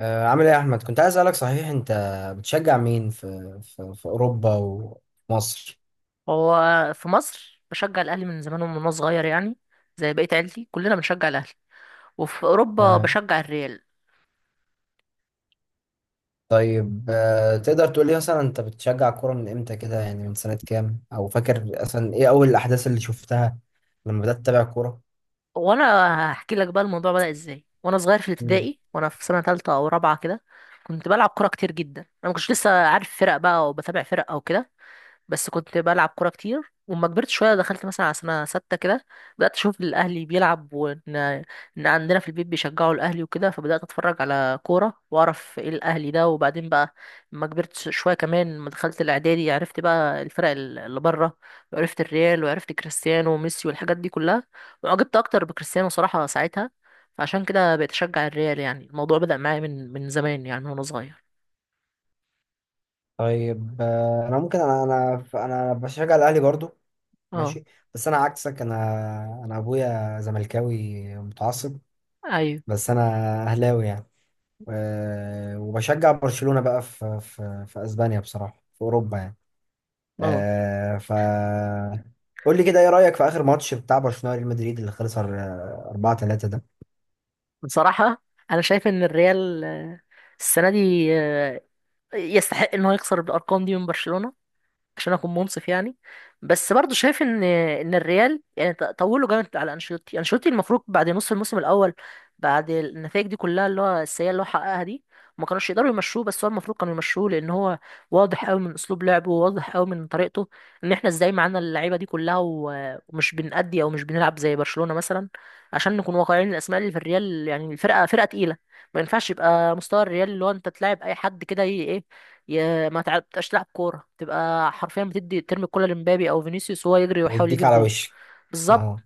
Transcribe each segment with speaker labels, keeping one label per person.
Speaker 1: عامل ايه يا احمد، كنت عايز اسالك صحيح، انت بتشجع مين في اوروبا ومصر؟
Speaker 2: هو في مصر بشجع الاهلي من زمان ومن وانا صغير يعني، زي بقيه عيلتي كلنا بنشجع الاهلي، وفي اوروبا
Speaker 1: تمام.
Speaker 2: بشجع الريال.
Speaker 1: طيب، تقدر تقول لي مثلا انت بتشجع الكوره من امتى كده يعني، من سنه كام؟ او فاكر اصلا ايه اول الاحداث اللي شفتها لما بدات تتابع كوره؟
Speaker 2: وانا هحكي لك بقى الموضوع بدأ ازاي. وانا صغير في
Speaker 1: مم.
Speaker 2: الابتدائي وانا في سنه ثالثه او رابعه كده كنت بلعب كوره كتير جدا، انا ما كنتش لسه عارف فرق بقى وبتابع فرق او كده، بس كنت بلعب كورة كتير. وما كبرت شوية دخلت مثلا على سنة ستة كده بدأت أشوف الأهلي بيلعب، وإن عندنا في البيت بيشجعوا الأهلي وكده، فبدأت أتفرج على كورة وأعرف إيه الأهلي ده. وبعدين بقى لما كبرت شوية كمان، لما دخلت الإعدادي عرفت بقى الفرق اللي بره، وعرفت الريال وعرفت كريستيانو وميسي والحاجات دي كلها، وعجبت أكتر بكريستيانو صراحة ساعتها، فعشان كده بقيت أشجع الريال. يعني الموضوع بدأ معايا من زمان يعني وأنا صغير.
Speaker 1: طيب، انا ممكن انا انا انا بشجع الاهلي برضو.
Speaker 2: اه،
Speaker 1: ماشي. بس انا عكسك، انا ابويا زملكاوي متعصب.
Speaker 2: أيوه،
Speaker 1: بس انا اهلاوي يعني. وبشجع برشلونة بقى في اسبانيا بصراحة، في اوروبا يعني.
Speaker 2: اه.
Speaker 1: آه، ف قول لي كده، ايه رأيك في اخر ماتش بتاع برشلونة وريال مدريد اللي خلص 4-3 ده؟
Speaker 2: بصراحة أنا شايف إن الريال، السنة دي يستحق إن هو يخسر بالأرقام دي من برشلونة، عشان اكون منصف يعني. بس برضو شايف ان الريال يعني طولوا جامد على انشيلوتي. انشيلوتي المفروض بعد نص الموسم الاول، بعد النتائج دي كلها اللي هو السيئه اللي هو حققها دي، ما كانوش يقدروا يمشوه، بس هو المفروض كانوا يمشوه، لان هو واضح قوي من اسلوب لعبه، وواضح قوي من طريقته، ان احنا ازاي معانا اللعيبه دي كلها ومش بنأدي او مش بنلعب زي برشلونه مثلا. عشان نكون واقعيين، الاسماء اللي في الريال يعني الفرقه فرقه تقيله، ما ينفعش يبقى مستوى الريال اللي هو انت تلعب اي حد كده، يا ما تعرفش تلعب كوره تبقى حرفيا بتدي، ترمي الكوره لمبابي او فينيسيوس وهو يجري ويحاول
Speaker 1: يديك
Speaker 2: يجيب
Speaker 1: على
Speaker 2: جون.
Speaker 1: وشك.
Speaker 2: بالظبط.
Speaker 1: اه.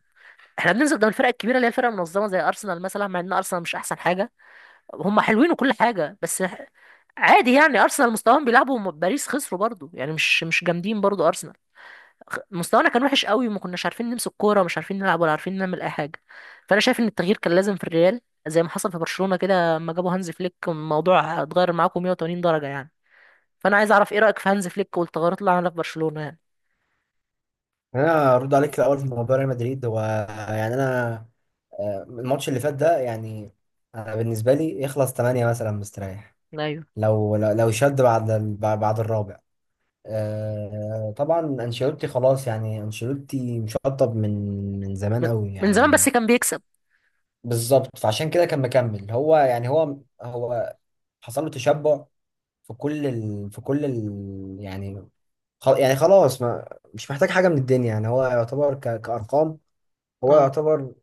Speaker 2: احنا بننزل قدام الفرق الكبيره اللي هي الفرق المنظمه زي ارسنال مثلا، مع ان ارسنال مش احسن حاجه، هم حلوين وكل حاجه بس عادي يعني. ارسنال مستواهم بيلعبوا باريس خسروا برضو يعني، مش جامدين برضو ارسنال. مستوانا كان وحش قوي، وما كناش عارفين نمسك كوره، ومش عارفين نلعب، ولا عارفين نعمل اي حاجه. فانا شايف ان التغيير كان لازم في الريال، زي ما حصل في برشلونه كده لما جابوا هانز فليك الموضوع اتغير معاكم 180 درجه يعني. فانا عايز اعرف ايه رايك في هانز فليك والتغيرات اللي عملها في برشلونه يعني؟
Speaker 1: انا ارد عليك الاول في موضوع ريال مدريد. هو يعني انا، الماتش اللي فات ده يعني، انا بالنسبة لي يخلص 8 مثلا مستريح.
Speaker 2: ايوه.
Speaker 1: لو شد بعد بعد الرابع. طبعا انشيلوتي خلاص يعني، انشيلوتي مشطب من زمان
Speaker 2: من,
Speaker 1: قوي
Speaker 2: من زمان بس
Speaker 1: يعني.
Speaker 2: كان بيكسب.
Speaker 1: بالظبط. فعشان كده كان مكمل هو يعني، هو حصل له تشبع يعني، يعني خلاص، ما مش محتاج حاجة من الدنيا يعني. هو يعتبر كأرقام، هو
Speaker 2: اه.
Speaker 1: يعتبر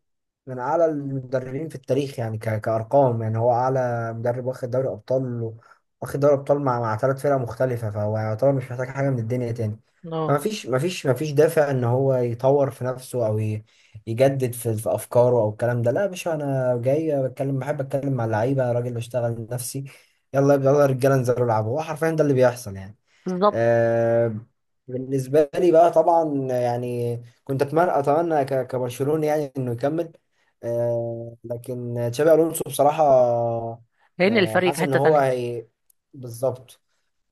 Speaker 1: من أعلى المدربين في التاريخ يعني، كأرقام يعني، هو أعلى مدرب واخد دوري أبطال واخد دوري أبطال مع 3 فرق مختلفة، فهو يعتبر مش محتاج حاجة من الدنيا تاني. فما
Speaker 2: اه.
Speaker 1: فيش ما فيش ما فيش دافع إن هو يطور في نفسه أو يجدد في أفكاره أو الكلام ده. لا يا باشا، أنا جاي بتكلم، بحب أتكلم مع اللعيبة، راجل بشتغل نفسي: يلا يلا يا رجالة انزلوا العبوا. هو حرفيا ده اللي بيحصل يعني.
Speaker 2: بالظبط.
Speaker 1: آه، بالنسبة لي بقى طبعا يعني، كنت أتمنى كبرشلوني يعني إنه يكمل. لكن تشابي ألونسو بصراحة،
Speaker 2: لان الفريق
Speaker 1: حاسس
Speaker 2: في
Speaker 1: إن
Speaker 2: حته
Speaker 1: هو،
Speaker 2: تانية.
Speaker 1: هي. بالظبط.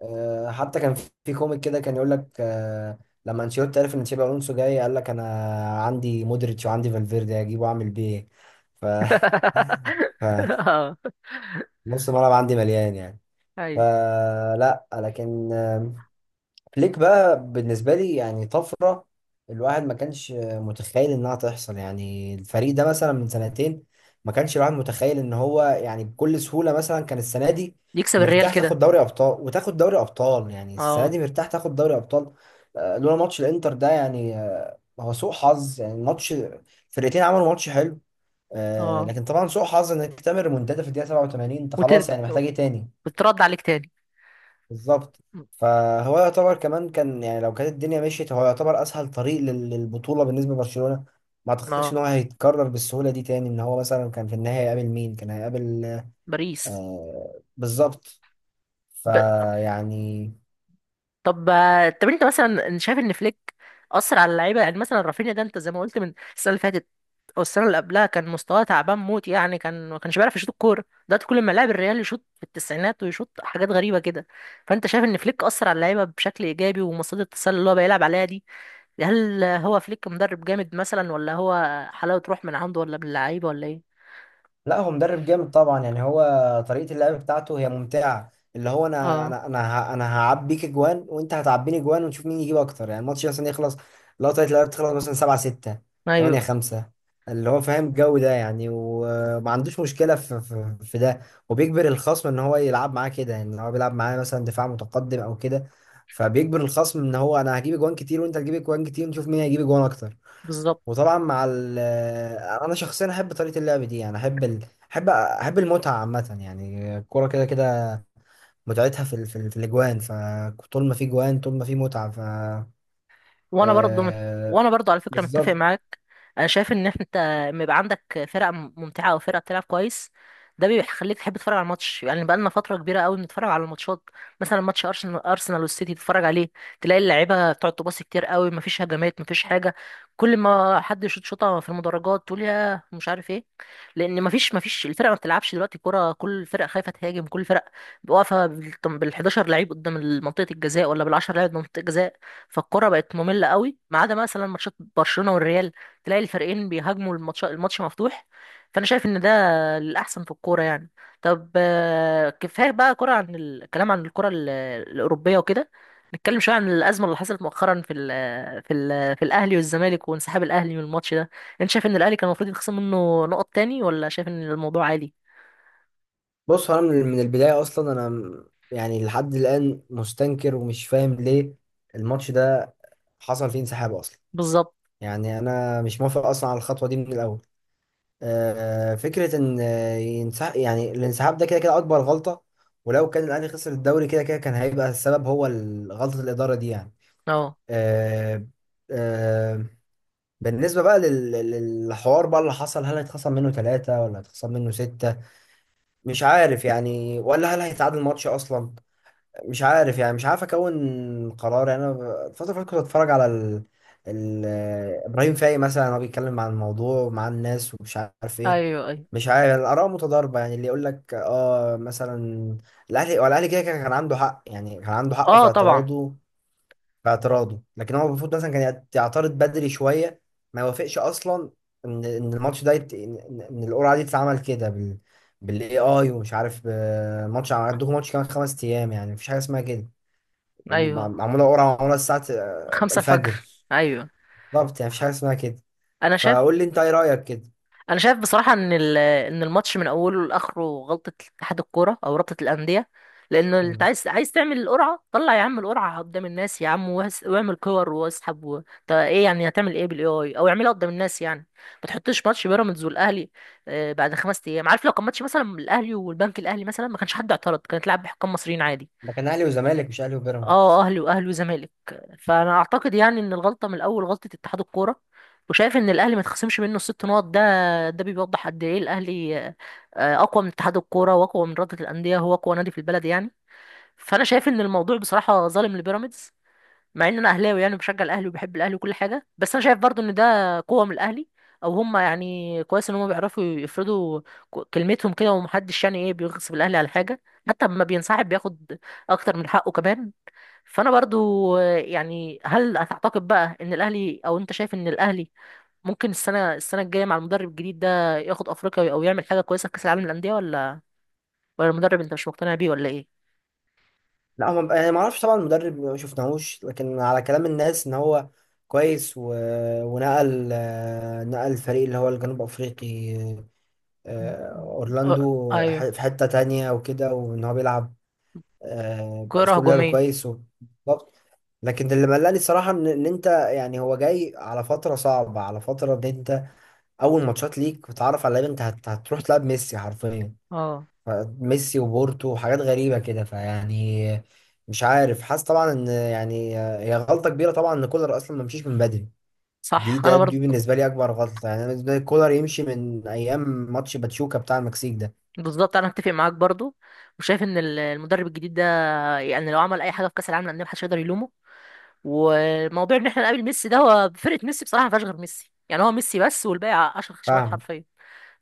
Speaker 1: حتى كان في كوميك كده كان يقول لك، لما أنشيلوتي عرف إن تشابي ألونسو جاي، قال لك أنا عندي مودريتش وعندي فالفيردي، هجيبه وأعمل بيه إيه؟ ف ف
Speaker 2: اه.
Speaker 1: نص الملعب عندي مليان يعني.
Speaker 2: ايوه،
Speaker 1: فلا، لكن فليك بقى بالنسبة لي يعني طفرة، الواحد ما كانش متخيل انها تحصل يعني. الفريق ده مثلا من سنتين ما كانش الواحد متخيل ان هو يعني بكل سهولة مثلا كان السنة دي
Speaker 2: يكسب الريال
Speaker 1: مرتاح تاخد
Speaker 2: كده.
Speaker 1: دوري ابطال، وتاخد دوري ابطال يعني السنة
Speaker 2: اه.
Speaker 1: دي مرتاح تاخد دوري ابطال. لولا ماتش الانتر ده يعني، هو سوء حظ يعني. الماتش، فرقتين عملوا ماتش حلو،
Speaker 2: اه.
Speaker 1: لكن طبعا سوء حظ انك تعمل ريمونتادا في الدقيقة 87. انت
Speaker 2: وتر...
Speaker 1: خلاص يعني، محتاج ايه تاني؟
Speaker 2: وترد عليك تاني.
Speaker 1: بالظبط. فهو يعتبر كمان كان يعني، لو كانت الدنيا مشيت هو يعتبر اسهل طريق للبطوله بالنسبه لبرشلونه. ما اعتقدش ان
Speaker 2: اه.
Speaker 1: هو هيتكرر بالسهوله دي تاني، ان هو مثلا كان في النهايه هيقابل مين؟ كان هيقابل.
Speaker 2: باريس.
Speaker 1: آه، بالظبط.
Speaker 2: ب...
Speaker 1: فيعني.
Speaker 2: طب. طب، انت مثلا شايف ان فليك اثر على اللعيبه؟ يعني مثلا رافينيا ده انت زي ما قلت من السنه اللي فاتت او السنه اللي قبلها كان مستواه تعبان موت يعني، كان ما كانش بيعرف يشوط الكوره. دلوقتي كل ما لاعب الريال يشوط في التسعينات ويشوط حاجات غريبه كده، فانت شايف ان فليك اثر على اللعيبه بشكل ايجابي؟ ومصيده التسلل اللي هو بيلعب عليها دي، هل هو فليك مدرب جامد مثلا، ولا هو حلاوه روح من عنده، ولا من اللعيبه، ولا ايه؟
Speaker 1: لا، هو مدرب جامد طبعا يعني. هو طريقة اللعب بتاعته هي ممتعة، اللي هو انا
Speaker 2: اه.
Speaker 1: انا انا ه- انا هعبيك اجوان وانت هتعبيني اجوان ونشوف مين يجيب اكتر يعني. الماتش مثلا يخلص، لو طريقة اللعب تخلص مثلا 7-6، 8
Speaker 2: ايوه.
Speaker 1: 5 اللي هو فاهم الجو ده يعني، وما عندوش مشكلة في ده. وبيجبر الخصم ان هو يلعب معاه كده يعني، لو هو بيلعب معاه مثلا دفاع متقدم او كده. فبيجبر الخصم ان هو انا هجيب اجوان كتير وانت هتجيب اجوان كتير ونشوف مين هيجيب اجوان اكتر.
Speaker 2: بالظبط.
Speaker 1: وطبعا مع ال انا شخصيا احب طريقه اللعب دي يعني، احب المتعه عامه يعني. الكوره كده كده متعتها في الاجوان، فطول ما في جوان طول ما في متعه.
Speaker 2: وانا برضو مت...
Speaker 1: آه...
Speaker 2: وانا برضو على فكره متفق
Speaker 1: بالظبط.
Speaker 2: معاك. انا شايف ان انت لما يبقى عندك فرقه ممتعه او فرقه بتلعب كويس، ده بيخليك تحب تتفرج على الماتش. يعني بقى لنا فتره كبيره قوي بنتفرج على الماتشات، مثلا ماتش ارسنال والسيتي تتفرج عليه، تلاقي اللعيبه بتقعد تباصي كتير قوي، مفيش هجمات، مفيش حاجه. كل ما حد يشوط شوطه في المدرجات، تقول يا مش عارف ايه. لان مفيش الفرقه ما بتلعبش دلوقتي كوره، كل الفرق خايفه تهاجم، كل الفرق واقفه بال 11 لعيب قدام منطقه الجزاء، ولا بال 10 لعيب قدام منطقه الجزاء. فالكرة بقت مملة قوي، ما عدا مثلا ماتشات برشلونة والريال، تلاقي الفريقين بيهاجموا، الماتش الماتش مفتوح، فأنا شايف إن ده الأحسن في الكورة يعني. طب كفاية بقى كرة، عن الكلام عن الكرة الأوروبية وكده، نتكلم شوية عن الأزمة اللي حصلت مؤخرا في ال في ال في الأهلي والزمالك وانسحاب الأهلي من الماتش ده. أنت شايف إن الأهلي كان المفروض يتخصم منه نقط تاني، ولا شايف إن الموضوع عادي؟
Speaker 1: بص، هو انا من البدايه اصلا يعني لحد الان مستنكر ومش فاهم ليه الماتش ده حصل فيه انسحاب اصلا.
Speaker 2: بالظبط.
Speaker 1: يعني انا مش موافق اصلا على الخطوه دي من الاول. فكرة إن ينسحب يعني، الانسحاب ده كده كده أكبر غلطة. ولو كان الأهلي خسر الدوري كده كده، كان هيبقى السبب هو غلطة الإدارة دي يعني.
Speaker 2: اه.
Speaker 1: آه، آه، بالنسبة بقى للحوار بقى اللي حصل، هل هيتخصم منه ثلاثة ولا هيتخصم منه ستة؟ مش عارف يعني، ولا هل هيتعادل الماتش أصلا؟ مش عارف يعني. مش عارف اكون قرار يعني، الفتره اللي فاتت كنت اتفرج على ال... ابراهيم فايق مثلا، هو بيتكلم عن الموضوع مع الناس ومش عارف ايه.
Speaker 2: ايوه، ايوه.
Speaker 1: مش عارف، الاراء متضاربه يعني، اللي يقول لك اه مثلا الاهلي، هو الاهلي كده كده كان عنده حق يعني، كان عنده حق في
Speaker 2: اه طبعا.
Speaker 1: اعتراضه، في اعتراضه. لكن هو المفروض مثلا كان يعترض بدري شويه، ما يوافقش اصلا ان ان الماتش ده يت... ان إن- إن القرعه دي تتعمل كده بالاي اي، ومش عارف ماتش عندكم، ماتش كمان 5 ايام يعني، مفيش حاجه اسمها كده.
Speaker 2: ايوه،
Speaker 1: ومعمول، اقرا معموله الساعه
Speaker 2: خمسة
Speaker 1: الفجر.
Speaker 2: الفجر. ايوه.
Speaker 1: بالظبط، يعني مفيش حاجه اسمها كده.
Speaker 2: انا شايف
Speaker 1: فقول لي انت ايه رايك كده.
Speaker 2: انا شايف بصراحه ان ان الماتش من اوله لاخره غلطه اتحاد الكوره او رابطه الانديه، لانه انت
Speaker 1: مم.
Speaker 2: عايز تعمل القرعه، طلع يا عم القرعه قدام الناس يا عم، واعمل كور واسحب طب ايه يعني، هتعمل ايه بالاي اي؟ او اعملها قدام الناس يعني، ما تحطش ماتش بيراميدز والاهلي بعد خمس ايام. عارف، لو كان ماتش مثلا الاهلي والبنك الاهلي مثلا ما كانش حد اعترض، كانت لعب بحكام مصريين عادي.
Speaker 1: ده كان اهلي وزمالك، مش اهلي
Speaker 2: اه،
Speaker 1: وبيراميدز.
Speaker 2: اهلي وزمالك. فانا اعتقد يعني ان الغلطه من الاول غلطه اتحاد الكوره، وشايف ان الاهلي ما يتخصمش منه الست نقط ده. ده بيوضح قد ايه الاهلي اقوى من اتحاد الكوره واقوى من رابطه الانديه، هو اقوى نادي في البلد يعني. فانا شايف ان الموضوع بصراحه ظالم لبيراميدز، مع ان انا اهلاوي يعني، بشجع الاهلي وبحب الاهلي وكل حاجه، بس انا شايف برضو ان ده قوه من الاهلي، او هم يعني كويس ان هم بيعرفوا يفرضوا كلمتهم كده، ومحدش يعني ايه بيغصب الاهلي على حاجه. حتى لما بينسحب بياخد اكتر من حقه كمان. فانا برضو يعني، هل هتعتقد بقى ان الاهلي، او انت شايف ان الاهلي ممكن السنه الجايه مع المدرب الجديد ده ياخد افريقيا، او يعمل حاجه كويسه في كاس العالم للانديه؟ ولا المدرب انت مش مقتنع بيه، ولا ايه؟
Speaker 1: لا، هم يعني ما اعرفش طبعا. المدرب ما شفناهوش، لكن على كلام الناس ان هو كويس ونقل آه، نقل الفريق اللي هو الجنوب افريقي،
Speaker 2: أه،
Speaker 1: اورلاندو
Speaker 2: ايوه،
Speaker 1: في حته تانية وكده، وان هو بيلعب
Speaker 2: كرة
Speaker 1: باسلوب لعب
Speaker 2: هجومية.
Speaker 1: كويس. بالظبط. لكن اللي مقلقني الصراحه ان انت يعني، هو جاي على فتره صعبه، على فتره ان انت اول ماتشات ليك بتعرف على لعيبه، انت هتروح تلعب ميسي حرفيا.
Speaker 2: اه.
Speaker 1: ف- ميسي وبورتو وحاجات غريبه كده، فيعني. مش عارف، حاسس طبعا ان يعني هي غلطه كبيره طبعا ان كولر اصلا ما مشيش من بدري. دي
Speaker 2: صح،
Speaker 1: ده
Speaker 2: انا برضو.
Speaker 1: دي بالنسبه لي اكبر غلطه، يعني انا بالنسبه لي كولر يمشي من ايام ماتش باتشوكا بتاع المكسيك ده.
Speaker 2: بالظبط، انا هتفق معاك برضو، وشايف ان المدرب الجديد ده يعني، لو عمل اي حاجه في كاس العالم للانديه محدش يقدر يلومه. وموضوع ان احنا نقابل ميسي ده، هو فرقه ميسي بصراحه ما فيهاش غير ميسي يعني، هو ميسي بس، والباقي عشر خشبات
Speaker 1: فاهم.
Speaker 2: حرفيا.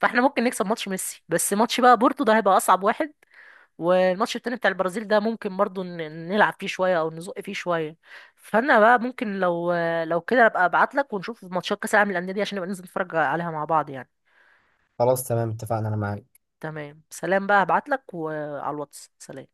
Speaker 2: فاحنا ممكن نكسب ماتش ميسي، بس ماتش بقى بورتو ده هيبقى اصعب واحد. والماتش التاني بتاع البرازيل ده ممكن برضو نلعب فيه شوية، او نزق فيه شوية. فانا بقى ممكن لو كده ابقى ابعت لك، ونشوف ماتشات كاس العالم للانديه دي، عشان نبقى ننزل نتفرج عليها مع بعض يعني.
Speaker 1: خلاص، تمام، اتفقنا، انا معاك.
Speaker 2: تمام، سلام بقى، هبعت لك وعلى الواتس. سلام.